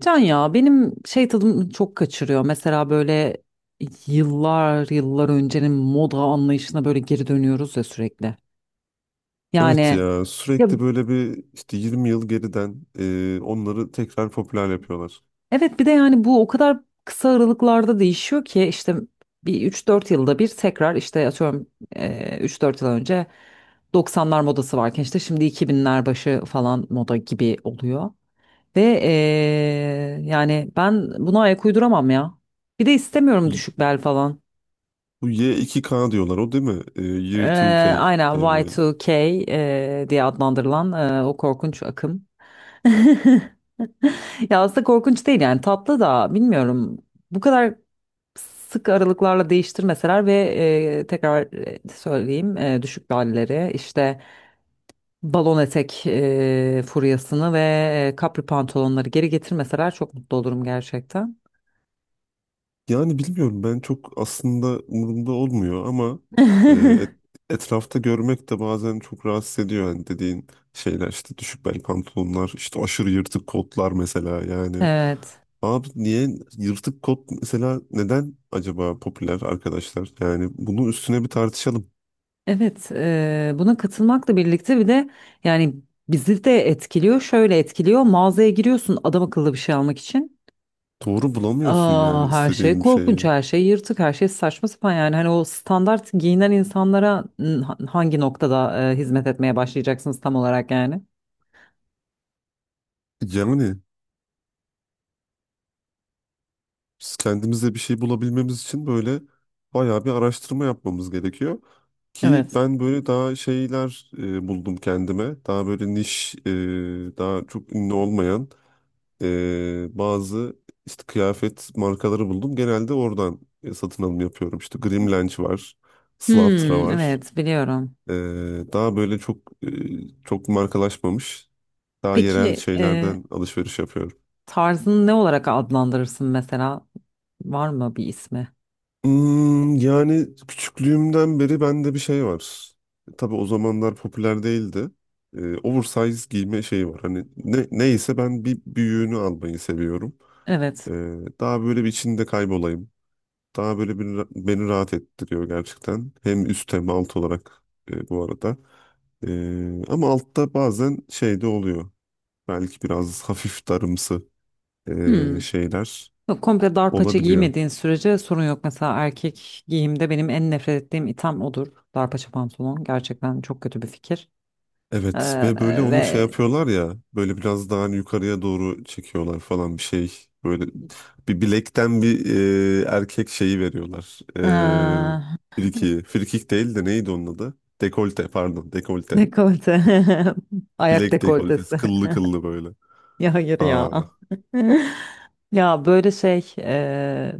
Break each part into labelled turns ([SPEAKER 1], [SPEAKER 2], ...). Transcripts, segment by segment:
[SPEAKER 1] Can ya benim şey tadımı çok kaçırıyor. Mesela böyle yıllar yıllar öncenin moda anlayışına böyle geri dönüyoruz ya sürekli.
[SPEAKER 2] Evet
[SPEAKER 1] Yani
[SPEAKER 2] ya
[SPEAKER 1] ya
[SPEAKER 2] sürekli böyle bir işte 20 yıl geriden onları tekrar popüler yapıyorlar.
[SPEAKER 1] evet bir de yani bu o kadar kısa aralıklarda değişiyor ki işte bir üç dört yılda bir tekrar işte atıyorum 3-4 yıl önce doksanlar modası varken işte şimdi iki binler başı falan moda gibi oluyor. Ve yani ben buna ayak uyduramam ya. Bir de istemiyorum
[SPEAKER 2] Y-
[SPEAKER 1] düşük bel falan.
[SPEAKER 2] Bu Y2K diyorlar o değil mi? Year
[SPEAKER 1] Ee,
[SPEAKER 2] 2K
[SPEAKER 1] aynen
[SPEAKER 2] diye böyle.
[SPEAKER 1] Y2K diye adlandırılan o korkunç akım. Ya aslında korkunç değil yani tatlı da bilmiyorum. Bu kadar sık aralıklarla değiştirmeseler ve tekrar söyleyeyim düşük bellileri işte balon etek furyasını ve kapri pantolonları geri getirmeseler çok mutlu olurum gerçekten.
[SPEAKER 2] Yani bilmiyorum ben çok aslında umurumda olmuyor ama e, et- etrafta görmek de bazen çok rahatsız ediyor. Yani dediğin şeyler işte düşük bel pantolonlar işte aşırı yırtık kotlar mesela yani.
[SPEAKER 1] Evet.
[SPEAKER 2] Abi niye yırtık kot mesela neden acaba popüler arkadaşlar? Yani bunun üstüne bir tartışalım.
[SPEAKER 1] Evet, buna katılmakla birlikte bir de yani bizi de etkiliyor. Şöyle etkiliyor. Mağazaya giriyorsun adam akıllı bir şey almak için.
[SPEAKER 2] Doğru bulamıyorsun
[SPEAKER 1] Aa,
[SPEAKER 2] yani
[SPEAKER 1] her şey
[SPEAKER 2] istediğin bir
[SPEAKER 1] korkunç,
[SPEAKER 2] şeyi.
[SPEAKER 1] her şey yırtık, her şey saçma sapan yani hani o standart giyinen insanlara hangi noktada hizmet etmeye başlayacaksınız tam olarak yani?
[SPEAKER 2] Yani biz kendimize bir şey bulabilmemiz için böyle bayağı bir araştırma yapmamız gerekiyor. Ki
[SPEAKER 1] Evet.
[SPEAKER 2] ben böyle daha şeyler buldum kendime. Daha böyle niş, daha çok ünlü olmayan bazı işte kıyafet markaları buldum. Genelde oradan satın alım yapıyorum. İşte Grimlench var, Slatra
[SPEAKER 1] Hmm,
[SPEAKER 2] var.
[SPEAKER 1] evet biliyorum.
[SPEAKER 2] E, daha böyle çok çok markalaşmamış, daha yerel
[SPEAKER 1] Peki
[SPEAKER 2] şeylerden alışveriş yapıyorum.
[SPEAKER 1] tarzını ne olarak adlandırırsın mesela? Var mı bir ismi?
[SPEAKER 2] Yani küçüklüğümden beri bende bir şey var. Tabii o zamanlar popüler değildi. Oversize giyme şeyi var. Hani ne, neyse ben bir büyüğünü almayı seviyorum.
[SPEAKER 1] Evet.
[SPEAKER 2] Ee, daha böyle bir içinde kaybolayım. Daha böyle bir, beni rahat ettiriyor gerçekten. Hem üst hem alt olarak bu arada. Ama altta bazen şey de oluyor. Belki biraz hafif darımsı
[SPEAKER 1] Hmm.
[SPEAKER 2] şeyler
[SPEAKER 1] Yok, komple dar paça
[SPEAKER 2] olabiliyor.
[SPEAKER 1] giymediğin sürece sorun yok. Mesela erkek giyimde benim en nefret ettiğim item odur. Dar paça pantolon. Gerçekten çok kötü bir fikir.
[SPEAKER 2] Evet ve böyle onu şey
[SPEAKER 1] Ve
[SPEAKER 2] yapıyorlar ya böyle biraz daha hani yukarıya doğru çekiyorlar falan bir şey. Böyle bir bilekten bir erkek şeyi veriyorlar. E,
[SPEAKER 1] ee,
[SPEAKER 2] friki. Frikik değil de neydi onun adı? Dekolte pardon dekolte.
[SPEAKER 1] dekolte. Ayak
[SPEAKER 2] Bilek
[SPEAKER 1] dekoltesi.
[SPEAKER 2] dekoltesi kıllı kıllı böyle.
[SPEAKER 1] Ya hayır
[SPEAKER 2] Aa,
[SPEAKER 1] ya. Ya böyle şey.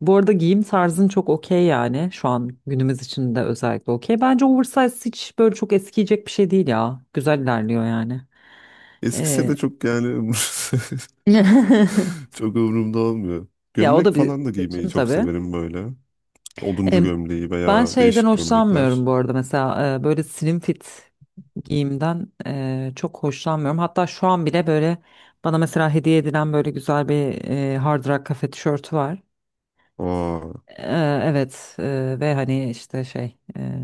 [SPEAKER 1] Bu arada giyim tarzın çok okey yani. Şu an günümüz için de özellikle okey. Bence oversize hiç böyle çok eskiyecek bir şey değil ya. Güzel ilerliyor yani.
[SPEAKER 2] eskisi
[SPEAKER 1] Ee,
[SPEAKER 2] de çok yani çok umurumda olmuyor.
[SPEAKER 1] Ya o
[SPEAKER 2] Gömlek
[SPEAKER 1] da bir
[SPEAKER 2] falan da giymeyi
[SPEAKER 1] seçim
[SPEAKER 2] çok
[SPEAKER 1] tabii.
[SPEAKER 2] severim böyle.
[SPEAKER 1] E,
[SPEAKER 2] Oduncu gömleği
[SPEAKER 1] ben
[SPEAKER 2] veya
[SPEAKER 1] şeyden
[SPEAKER 2] değişik
[SPEAKER 1] hoşlanmıyorum
[SPEAKER 2] gömlekler.
[SPEAKER 1] bu arada mesela böyle slim fit giyimden çok hoşlanmıyorum. Hatta şu an bile böyle bana mesela hediye edilen böyle güzel bir Hard Rock Cafe tişörtü var.
[SPEAKER 2] Aa.
[SPEAKER 1] Ee, evet ve hani işte şey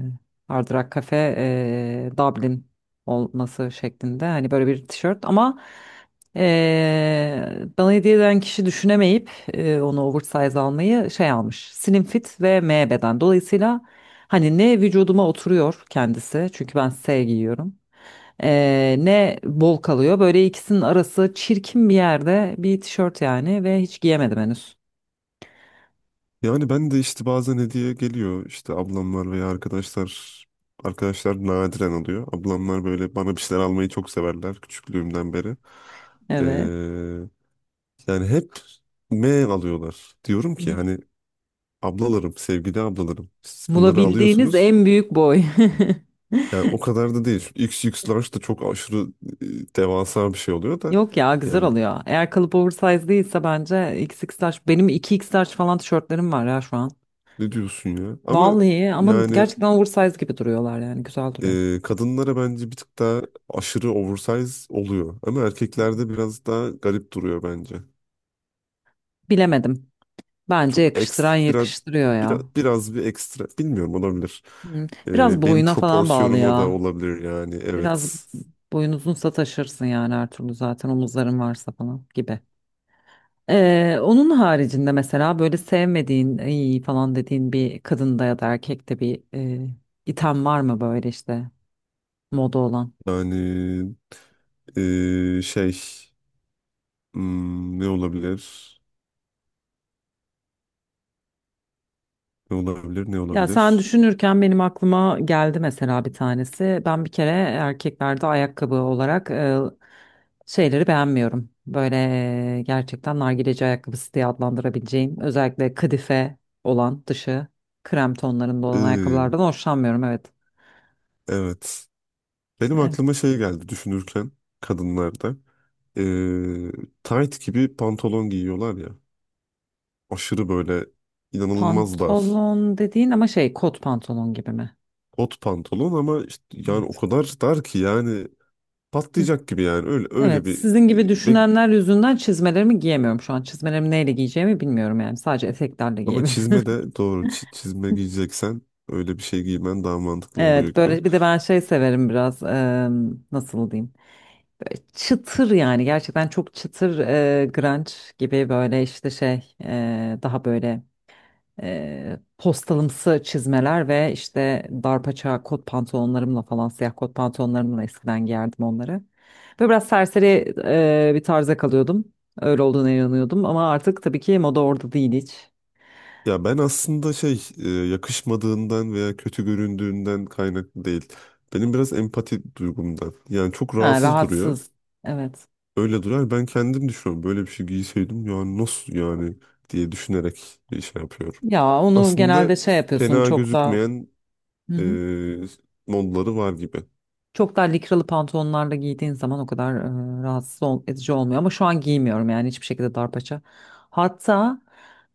[SPEAKER 1] Hard Rock Cafe Dublin olması şeklinde hani böyle bir tişört ama bana hediye eden kişi düşünemeyip onu oversize almayı şey almış slim fit ve M beden dolayısıyla hani ne vücuduma oturuyor kendisi çünkü ben S giyiyorum. Ne bol kalıyor böyle ikisinin arası çirkin bir yerde bir tişört yani ve hiç giyemedim henüz.
[SPEAKER 2] Yani ben de işte bazen hediye geliyor işte ablamlar veya arkadaşlar nadiren oluyor. Ablamlar böyle bana bir şeyler almayı çok severler küçüklüğümden beri.
[SPEAKER 1] Evet.
[SPEAKER 2] Ee, yani hep M alıyorlar. Diyorum ki hani ablalarım, sevgili ablalarım siz bunları
[SPEAKER 1] Bulabildiğiniz
[SPEAKER 2] alıyorsunuz.
[SPEAKER 1] en büyük boy.
[SPEAKER 2] Yani o kadar da değil. XXL da çok aşırı devasa bir şey oluyor da
[SPEAKER 1] Yok ya güzel
[SPEAKER 2] yani
[SPEAKER 1] oluyor. Eğer kalıp oversize değilse bence XX large. Benim iki x large falan tişörtlerim var ya şu an.
[SPEAKER 2] ne diyorsun ya? Ama
[SPEAKER 1] Vallahi ama
[SPEAKER 2] yani
[SPEAKER 1] gerçekten oversize gibi duruyorlar yani güzel duruyor.
[SPEAKER 2] kadınlara bence bir tık daha aşırı oversize oluyor. Ama erkeklerde biraz daha garip duruyor bence.
[SPEAKER 1] Bilemedim. Bence
[SPEAKER 2] Çok
[SPEAKER 1] yakıştıran
[SPEAKER 2] eks, biraz,
[SPEAKER 1] yakıştırıyor
[SPEAKER 2] biraz,
[SPEAKER 1] ya.
[SPEAKER 2] biraz bir ekstra. Bilmiyorum olabilir.
[SPEAKER 1] Hı. Biraz
[SPEAKER 2] Benim
[SPEAKER 1] boyuna falan bağlı
[SPEAKER 2] proporsiyonuma da
[SPEAKER 1] ya.
[SPEAKER 2] olabilir yani
[SPEAKER 1] Biraz
[SPEAKER 2] evet.
[SPEAKER 1] boyun uzunsa taşırsın yani her türlü zaten omuzların varsa falan gibi. Onun haricinde mesela böyle sevmediğin "Ay" falan dediğin bir kadında ya da erkekte bir item var mı böyle işte moda olan?
[SPEAKER 2] Yani şey ne olabilir? Ne olabilir? Ne
[SPEAKER 1] Ya sen
[SPEAKER 2] olabilir?
[SPEAKER 1] düşünürken benim aklıma geldi mesela bir tanesi. Ben bir kere erkeklerde ayakkabı olarak şeyleri beğenmiyorum. Böyle gerçekten nargileci ayakkabısı diye adlandırabileceğim özellikle kadife olan dışı krem tonlarında olan
[SPEAKER 2] E,
[SPEAKER 1] ayakkabılardan hoşlanmıyorum, evet.
[SPEAKER 2] evet. Benim aklıma şey geldi düşünürken kadınlarda. E, tight gibi pantolon giyiyorlar ya. Aşırı böyle inanılmaz dar.
[SPEAKER 1] Pantolon dediğin ama şey kot pantolon gibi mi?
[SPEAKER 2] Kot pantolon ama işte yani o
[SPEAKER 1] Evet.
[SPEAKER 2] kadar dar ki yani
[SPEAKER 1] Hı.
[SPEAKER 2] patlayacak gibi yani öyle öyle
[SPEAKER 1] Evet,
[SPEAKER 2] bir.
[SPEAKER 1] sizin gibi
[SPEAKER 2] Ve
[SPEAKER 1] düşünenler yüzünden çizmelerimi giyemiyorum şu an. Çizmelerimi neyle giyeceğimi bilmiyorum yani. Sadece eteklerle
[SPEAKER 2] ama
[SPEAKER 1] giyebilirim.
[SPEAKER 2] çizme de doğru çizme giyeceksen öyle bir şey giymen daha mantıklı oluyor
[SPEAKER 1] Evet,
[SPEAKER 2] gibi.
[SPEAKER 1] böyle bir de ben şey severim biraz. Nasıl diyeyim? Böyle çıtır yani gerçekten çok çıtır grunge gibi böyle işte şey daha böyle postalımsı çizmeler ve işte darpaça kot pantolonlarımla falan siyah kot pantolonlarımla eskiden giyerdim onları. Böyle biraz serseri bir tarza kalıyordum. Öyle olduğuna inanıyordum ama artık tabii ki moda orada değil hiç.
[SPEAKER 2] Ya ben aslında şey yakışmadığından veya kötü göründüğünden kaynaklı değil. Benim biraz empati duygumdan. Yani çok
[SPEAKER 1] Ha,
[SPEAKER 2] rahatsız duruyor.
[SPEAKER 1] rahatsız. Evet.
[SPEAKER 2] Öyle durar. Ben kendim düşünüyorum. Böyle bir şey giyseydim yani nasıl yani diye düşünerek bir şey yapıyorum.
[SPEAKER 1] Ya onu
[SPEAKER 2] Aslında
[SPEAKER 1] genelde şey yapıyorsun
[SPEAKER 2] fena
[SPEAKER 1] çok da.
[SPEAKER 2] gözükmeyen
[SPEAKER 1] Hı
[SPEAKER 2] e,
[SPEAKER 1] hı.
[SPEAKER 2] modları var gibi.
[SPEAKER 1] Çok daha likralı pantolonlarla giydiğin zaman o kadar rahatsız edici olmuyor. Ama şu an giymiyorum yani hiçbir şekilde darpaça. Hatta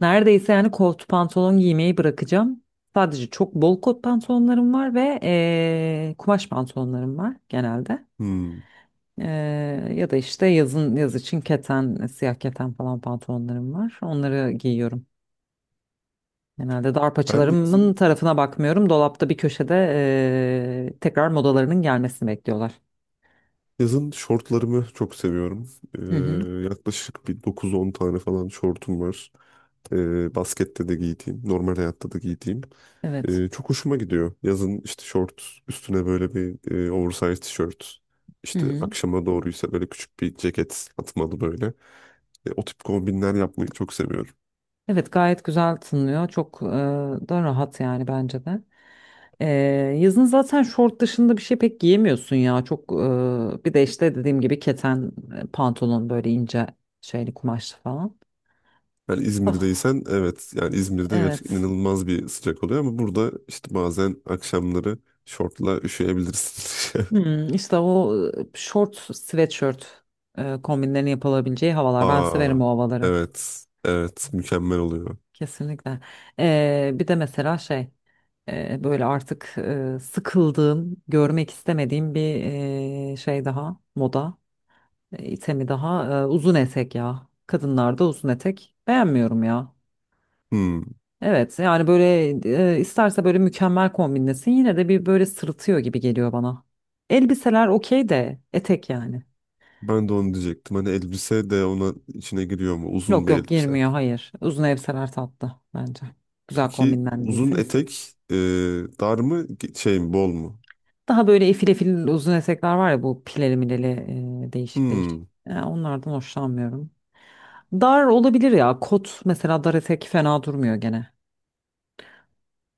[SPEAKER 1] neredeyse yani kot pantolon giymeyi bırakacağım. Sadece çok bol kot pantolonlarım var ve kumaş pantolonlarım var genelde.
[SPEAKER 2] Hmm.
[SPEAKER 1] E, ya da işte yazın yaz için keten, siyah keten falan pantolonlarım var. Onları giyiyorum. Genelde
[SPEAKER 2] Ben
[SPEAKER 1] darpaçalarımın
[SPEAKER 2] yazın,
[SPEAKER 1] tarafına bakmıyorum. Dolapta bir köşede tekrar modalarının gelmesini bekliyorlar.
[SPEAKER 2] yazın şortlarımı çok seviyorum.
[SPEAKER 1] Hı hı.
[SPEAKER 2] Yaklaşık bir 9-10 tane falan şortum var. Baskette de giydiğim, normal hayatta da giydiğim.
[SPEAKER 1] Evet.
[SPEAKER 2] Çok hoşuma gidiyor. Yazın işte şort, üstüne böyle bir oversize tişört.
[SPEAKER 1] Hı
[SPEAKER 2] İşte
[SPEAKER 1] hı.
[SPEAKER 2] akşama doğruysa böyle küçük bir ceket atmalı böyle. O tip kombinler yapmayı çok seviyorum.
[SPEAKER 1] Evet, gayet güzel tınlıyor. Çok da rahat yani bence de. E, yazın zaten şort dışında bir şey pek giyemiyorsun ya. Çok bir de işte dediğim gibi keten pantolon böyle ince şeyli kumaşlı falan.
[SPEAKER 2] Yani
[SPEAKER 1] Ah,
[SPEAKER 2] İzmir'deysen evet yani İzmir'de gerçekten
[SPEAKER 1] evet.
[SPEAKER 2] inanılmaz bir sıcak oluyor ama burada işte bazen akşamları şortla üşüyebilirsin.
[SPEAKER 1] Hmm, işte o şort sweatshirt kombinlerini yapılabileceği havalar. Ben
[SPEAKER 2] Aa
[SPEAKER 1] severim o havaları.
[SPEAKER 2] evet evet mükemmel oluyor.
[SPEAKER 1] Kesinlikle. Bir de mesela şey. Böyle artık sıkıldığım, görmek istemediğim bir şey daha, moda itemi daha uzun etek ya. Kadınlarda uzun etek beğenmiyorum ya.
[SPEAKER 2] Hmm,
[SPEAKER 1] Evet yani böyle isterse böyle mükemmel kombinlesin yine de bir böyle sırıtıyor gibi geliyor bana. Elbiseler okey de etek yani.
[SPEAKER 2] ben de onu diyecektim hani elbise de ona içine giriyor mu uzun
[SPEAKER 1] Yok
[SPEAKER 2] bir
[SPEAKER 1] yok,
[SPEAKER 2] elbise.
[SPEAKER 1] girmiyor, hayır. Uzun elbiseler tatlı bence. Güzel
[SPEAKER 2] Peki uzun
[SPEAKER 1] kombinlendiyse mis gibi.
[SPEAKER 2] etek dar mı şey mi bol mu?
[SPEAKER 1] Daha böyle efil efil uzun etekler var ya, bu pileli mileli değişik değişik.
[SPEAKER 2] Hmm,
[SPEAKER 1] Yani onlardan hoşlanmıyorum. Dar olabilir ya. Kot mesela, dar etek fena durmuyor gene.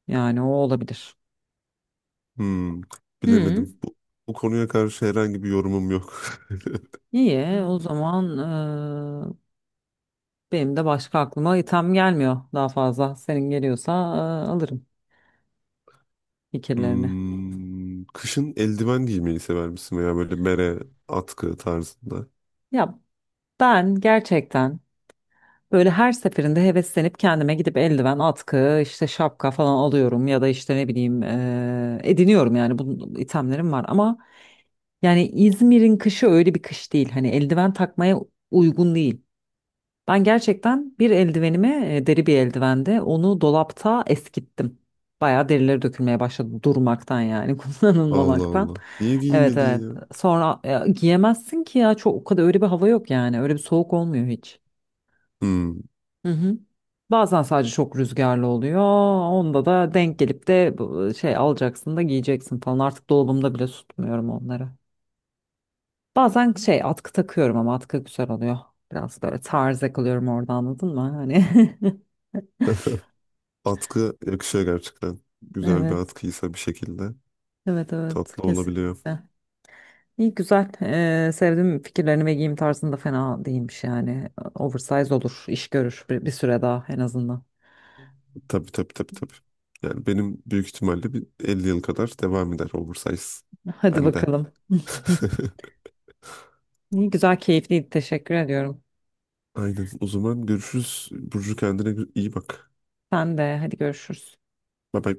[SPEAKER 1] Yani o olabilir.
[SPEAKER 2] hmm,
[SPEAKER 1] Hı.
[SPEAKER 2] bilemedim bu konuya karşı herhangi bir yorumum yok.
[SPEAKER 1] İyi, o zaman benim de başka aklıma item gelmiyor daha fazla. Senin geliyorsa alırım fikirlerini.
[SPEAKER 2] Kışın eldiven giymeyi sever misin veya böyle bere, atkı tarzında?
[SPEAKER 1] Ya ben gerçekten böyle her seferinde heveslenip kendime gidip eldiven, atkı, işte şapka falan alıyorum ya da işte ne bileyim ediniyorum yani, bu itemlerim var ama yani İzmir'in kışı öyle bir kış değil. Hani eldiven takmaya uygun değil. Ben gerçekten bir eldivenimi deri bir eldivende onu dolapta eskittim. Bayağı derileri dökülmeye başladı durmaktan yani
[SPEAKER 2] Allah
[SPEAKER 1] kullanılmamaktan.
[SPEAKER 2] Allah. Niye
[SPEAKER 1] Evet
[SPEAKER 2] giymedin
[SPEAKER 1] evet.
[SPEAKER 2] ya?
[SPEAKER 1] Sonra giyemezsin ki ya, çok o kadar öyle bir hava yok yani. Öyle bir soğuk olmuyor hiç.
[SPEAKER 2] Hmm.
[SPEAKER 1] Hı hı. Bazen sadece çok rüzgarlı oluyor. Onda da denk gelip de şey alacaksın da giyeceksin falan. Artık dolabımda bile tutmuyorum onları. Bazen şey atkı takıyorum ama atkı güzel oluyor. Biraz böyle tarz yakalıyorum orada, anladın mı? Hani
[SPEAKER 2] Atkı yakışıyor gerçekten. Güzel bir
[SPEAKER 1] evet
[SPEAKER 2] atkıysa bir şekilde
[SPEAKER 1] evet evet,
[SPEAKER 2] tatlı olabiliyor.
[SPEAKER 1] kesinlikle. İyi güzel. Sevdim fikirlerini ve giyim tarzında fena değilmiş yani. Oversize olur, iş görür bir süre daha en azından.
[SPEAKER 2] Tabii tabii tabii tabii. Yani benim büyük ihtimalle bir 50 yıl kadar devam eder oversize.
[SPEAKER 1] Hadi
[SPEAKER 2] Bende.
[SPEAKER 1] bakalım. İyi güzel, keyifliydi. Teşekkür ediyorum.
[SPEAKER 2] Aynen. O zaman görüşürüz. Burcu kendine iyi bak.
[SPEAKER 1] Sen de hadi, görüşürüz.
[SPEAKER 2] Bye bye.